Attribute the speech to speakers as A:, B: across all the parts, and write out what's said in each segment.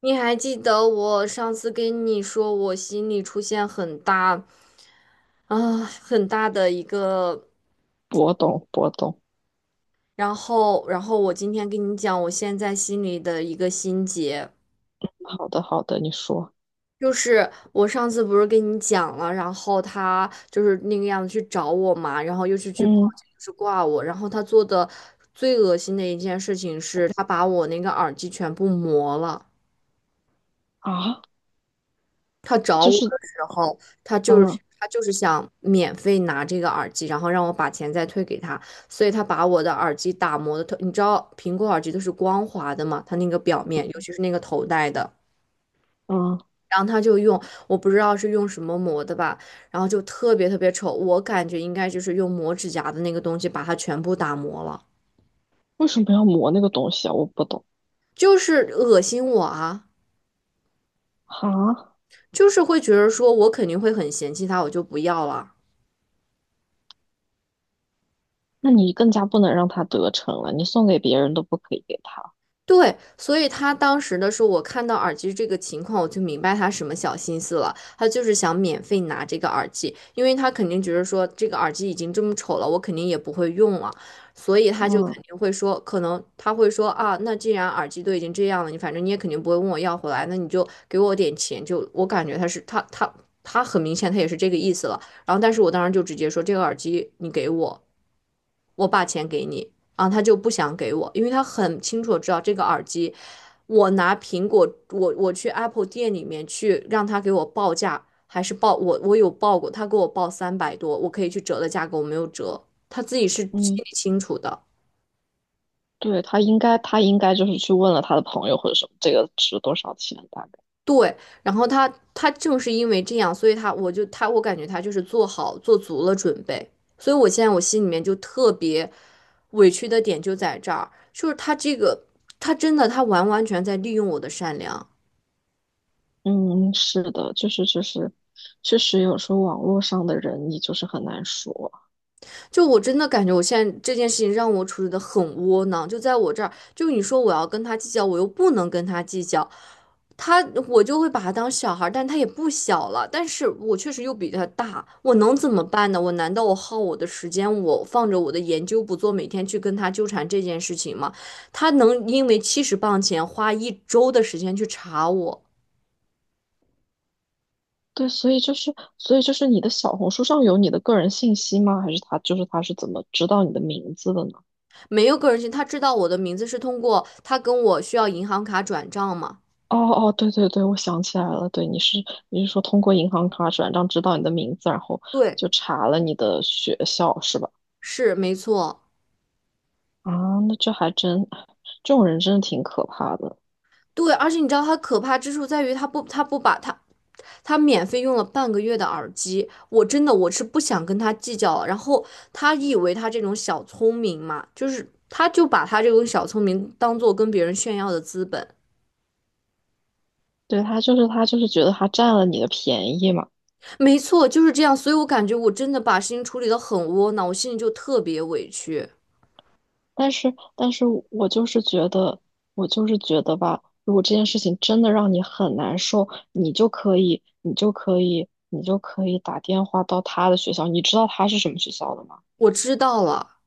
A: 你还记得我上次跟你说，我心里出现很大的一个，
B: 我懂，我懂。
A: 然后我今天跟你讲，我现在心里的一个心结，
B: 好的，好的，你说。
A: 就是我上次不是跟你讲了，然后他就是那个样子去找我嘛，然后又是去报
B: 嗯
A: 警，又是挂我，然后他做的最恶心的一件事情是，他把我那个耳机全部磨了。
B: 啊，
A: 他找
B: 就
A: 我
B: 是
A: 的时候，他就
B: 嗯
A: 是他就是想免费拿这个耳机，然后让我把钱再退给他，所以他把我的耳机打磨的特，你知道苹果耳机都是光滑的嘛，它那个表面，尤其是那个头戴的，
B: 嗯，
A: 然后他就用，我不知道是用什么磨的吧，然后就特别特别丑，我感觉应该就是用磨指甲的那个东西把它全部打磨了，
B: 为什么要磨那个东西啊？我不懂。
A: 就是恶心我啊，
B: 啊，
A: 就是会觉得说我肯定会很嫌弃他，我就不要了。
B: 那你更加不能让他得逞了，你送给别人都不可以给他。
A: 对，所以他当时的时候，我看到耳机这个情况，我就明白他什么小心思了。他就是想免费拿这个耳机，因为他肯定觉得说这个耳机已经这么丑了，我肯定也不会用了，所以他就
B: 嗯
A: 肯定会说，可能他会说啊，那既然耳机都已经这样了，你反正你也肯定不会问我要回来，那你就给我点钱。就我感觉他很明显他也是这个意思了。然后，但是我当时就直接说这个耳机你给我，我把钱给你。啊，他就不想给我，因为他很清楚地知道这个耳机，我拿苹果，我去 Apple 店里面去让他给我报价，还是报我有报过，他给我报300多，我可以去折的价格我没有折，他自己是心
B: 嗯，
A: 里清楚的。
B: 对，他应该就是去问了他的朋友或者什么，这个值多少钱大概。
A: 对，然后他正是因为这样，所以他我就他我感觉他就是做好做足了准备，所以我现在我心里面就特别委屈的点就在这儿，就是他这个他真的他完完全在利用我的善良。
B: 嗯，是的，就是，确实有时候网络上的人你就是很难说。
A: 就我真的感觉，我现在这件事情让我处理的很窝囊。就在我这儿，就你说我要跟他计较，我又不能跟他计较，他我就会把他当小孩儿，但他也不小了，但是我确实又比他大，我能怎么办呢？我难道我耗我的时间，我放着我的研究不做，每天去跟他纠缠这件事情吗？他能因为70磅钱花一周的时间去查我，
B: 对，所以就是你的小红书上有你的个人信息吗？还是他是怎么知道你的名字的呢？
A: 没有个人信，他知道我的名字是通过他跟我需要银行卡转账吗？
B: 哦哦，对对对，我想起来了，对，你是说通过银行卡转账知道你的名字，然后
A: 对，
B: 就查了你的学校是吧？
A: 是没错。
B: 啊，那这还真，这种人真的挺可怕的。
A: 对，而且你知道他可怕之处在于，他不把他免费用了半个月的耳机，我真的我是不想跟他计较了。然后他以为他这种小聪明嘛，就是他就把他这种小聪明当做跟别人炫耀的资本，
B: 对，他就是觉得他占了你的便宜嘛。
A: 没错，就是这样。所以我感觉我真的把事情处理得很窝囊，我心里就特别委屈。
B: 但是我就是觉得吧，如果这件事情真的让你很难受，你就可以打电话到他的学校。你知道他是什么学校的吗？
A: 我知道了，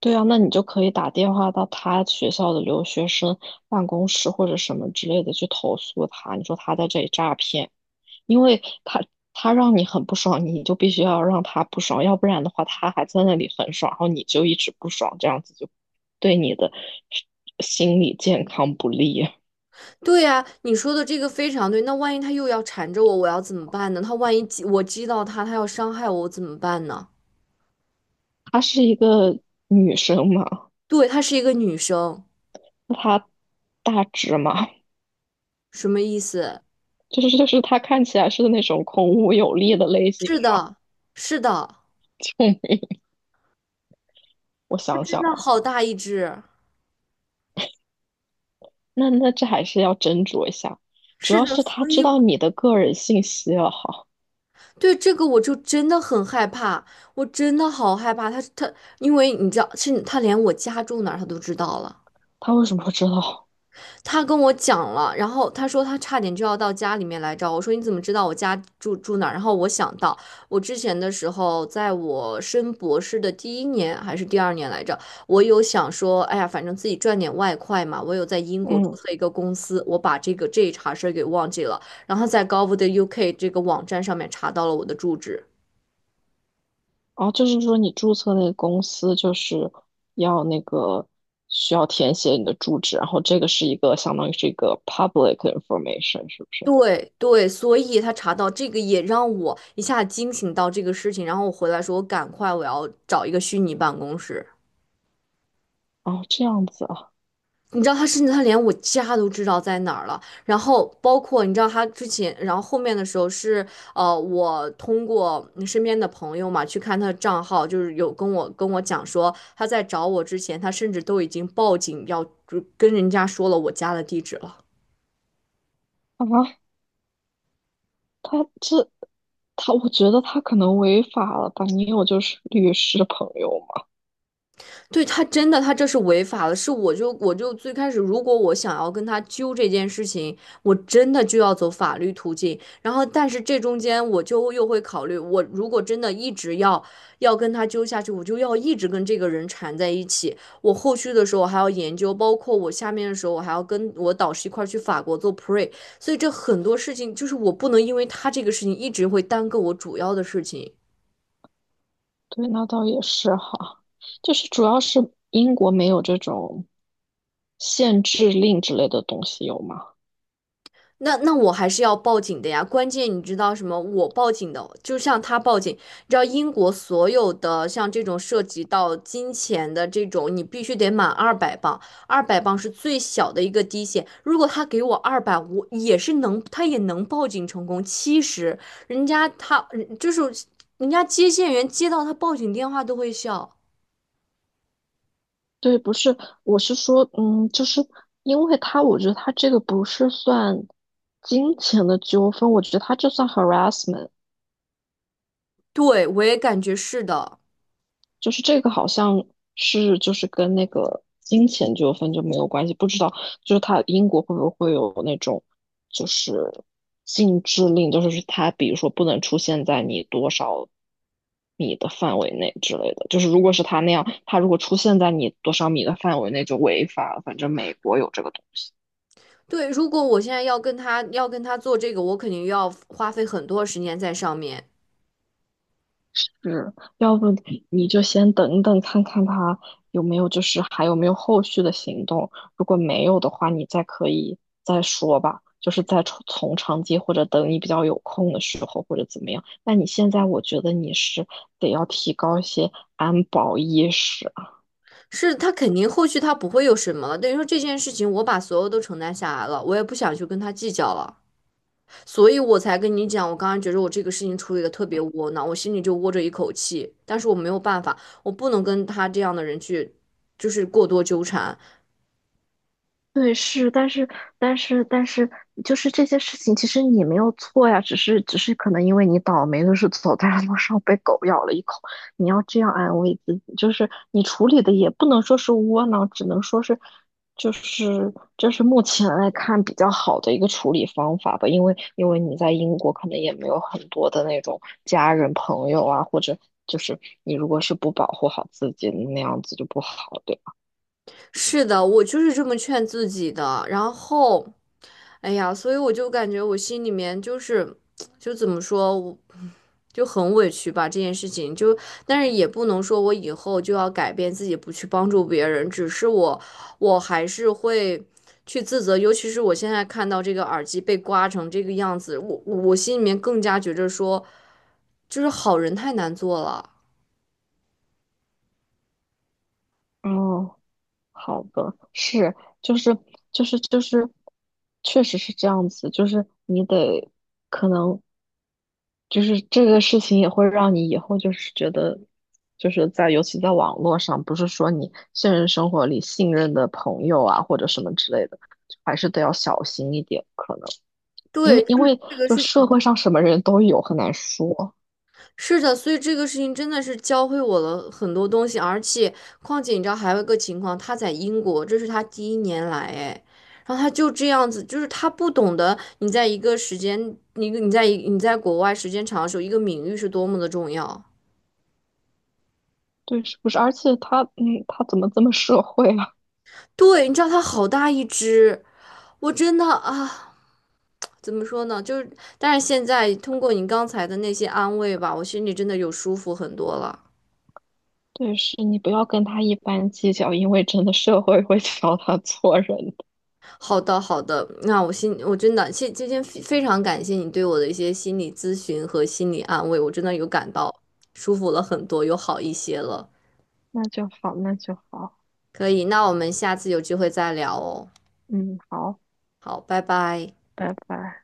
B: 对啊，那你就可以打电话到他学校的留学生办公室或者什么之类的去投诉他，你说他在这里诈骗。因为他让你很不爽，你就必须要让他不爽，要不然的话，他还在那里很爽，然后你就一直不爽，这样子就对你的心理健康不利。
A: 对呀，你说的这个非常对。那万一他又要缠着我，我要怎么办呢？他万一激我激到他，他要伤害我，我怎么办呢？
B: 她是一个女生嘛，
A: 对，她是一个女生。
B: 她大只嘛，
A: 什么意思？
B: 就是她看起来是那种孔武有力的类型
A: 是
B: 嘛。
A: 的，是的，
B: 嗯，我
A: 它
B: 想
A: 真
B: 想
A: 的
B: 啊，
A: 好大一只。
B: 那这还是要斟酌一下，主
A: 是
B: 要
A: 的，
B: 是她
A: 所以
B: 知
A: 我
B: 道你的个人信息了哈，
A: 对这个我就真的很害怕，我真的好害怕。它它，因为你知道，是它连我家住哪儿它都知道了。
B: 她为什么会知道？
A: 他跟我讲了，然后他说他差点就要到家里面来找我。我说你怎么知道我家住哪儿？然后我想到我之前的时候，在我升博士的第一年还是第二年来着，我有想说，哎呀，反正自己赚点外快嘛。我有在英国注
B: 嗯。
A: 册一个公司，我把这个这一茬事儿给忘记了，然后在 gov UK 这个网站上面查到了我的住址。
B: 哦，就是说你注册那个公司就是要那个需要填写你的住址，然后这个是一个相当于是一个 public information，是不是？
A: 对对，所以他查到这个也让我一下惊醒到这个事情，然后我回来说，我赶快我要找一个虚拟办公室。
B: 哦，这样子啊，
A: 你知道他甚至他连我家都知道在哪儿了，然后包括你知道他之前，然后后面的时候是我通过身边的朋友嘛去看他的账号，就是有跟我讲说他在找我之前，他甚至都已经报警要就跟人家说了我家的地址了。
B: 好吧，他这他，我觉得他可能违法了吧？你有就是律师朋友吗？
A: 对他真的，他这是违法的。是我就最开始，如果我想要跟他揪这件事情，我真的就要走法律途径。然后，但是这中间我就又会考虑，我如果真的一直要跟他揪下去，我就要一直跟这个人缠在一起。我后续的时候还要研究，包括我下面的时候，我还要跟我导师一块儿去法国做 pre。所以这很多事情就是我不能因为他这个事情一直会耽搁我主要的事情。
B: 对，那倒也是哈，就是主要是英国没有这种限制令之类的东西，有吗？
A: 那我还是要报警的呀。关键你知道什么？我报警的，就像他报警，你知道英国所有的像这种涉及到金钱的这种，你必须得满二百磅，二百磅是最小的一个低线。如果他给我二百，我也是能，他也能报警成功。七十，人家他嗯就是人家接线员接到他报警电话都会笑。
B: 对，不是，我是说，就是因为他，我觉得他这个不是算金钱的纠纷，我觉得他这算 harassment，
A: 对，我也感觉是的。
B: 就是这个好像是就是跟那个金钱纠纷就没有关系，不知道就是他英国会不会有那种就是禁制令，就是他比如说不能出现在你多少米的范围内之类的，就是如果是他那样，他如果出现在你多少米的范围内就违法了，反正美国有这个东西。
A: 对，如果我现在要跟他做这个，我肯定要花费很多时间在上面。
B: 是，要不你就先等等看看他有没有，就是还有没有后续的行动。如果没有的话，你再可以再说吧，就是再从长计，或者等你比较有空的时候，或者怎么样。那你现在，我觉得你是得要提高一些安保意识。
A: 是他肯定后续他不会有什么了，等于说这件事情我把所有都承担下来了，我也不想去跟他计较了，所以我才跟你讲，我刚刚觉得我这个事情处理的特别窝囊，我心里就窝着一口气，但是我没有办法，我不能跟他这样的人去，就是过多纠缠。
B: 对，是，但是，就是这些事情，其实你没有错呀，只是可能因为你倒霉，的是走在路上被狗咬了一口，你要这样安慰自己，就是你处理的也不能说是窝囊，只能说是，就是就是目前来看比较好的一个处理方法吧，因为你在英国可能也没有很多的那种家人朋友啊，或者就是你如果是不保护好自己，那样子就不好，对吧？
A: 是的，我就是这么劝自己的，然后。哎呀，所以我就感觉我心里面就是，就怎么说，我就很委屈吧这件事情。就但是也不能说我以后就要改变自己，不去帮助别人。只是我，我还是会去自责。尤其是我现在看到这个耳机被刮成这个样子，我心里面更加觉着说，就是好人太难做了。
B: 哦。好的，是，就是就是，确实是这样子，就是你得可能就是这个事情也会让你以后就是觉得，就是在尤其在网络上，不是说你现实生活里信任的朋友啊或者什么之类的，还是得要小心一点，可能因
A: 对，
B: 为
A: 就
B: 因
A: 是
B: 为
A: 这个
B: 就
A: 事
B: 社
A: 情。
B: 会上什么人都有，很难说，
A: 是的，所以这个事情真的是教会我了很多东西，而且况且你知道还有一个情况，他在英国，这是他第一年来，哎，然后他就这样子，就是他不懂得你在一个时间，你在国外时间长的时候，一个名誉是多么的重要。
B: 对，是不是？而且他嗯，他怎么这么社会？啊？
A: 对，你知道他好大一只，我真的啊，怎么说呢？就是，但是现在通过你刚才的那些安慰吧，我心里真的有舒服很多了。
B: 对，是你不要跟他一般计较，因为真的社会会 教他做人的。
A: 好的，好的，那我真的今天非常感谢你对我的一些心理咨询和心理安慰，我真的有感到舒服了很多，有好一些了。
B: 那就好，那就好，
A: 可以，那我们下次有机会再聊哦。
B: 嗯，好，
A: 好，拜拜。
B: 拜拜。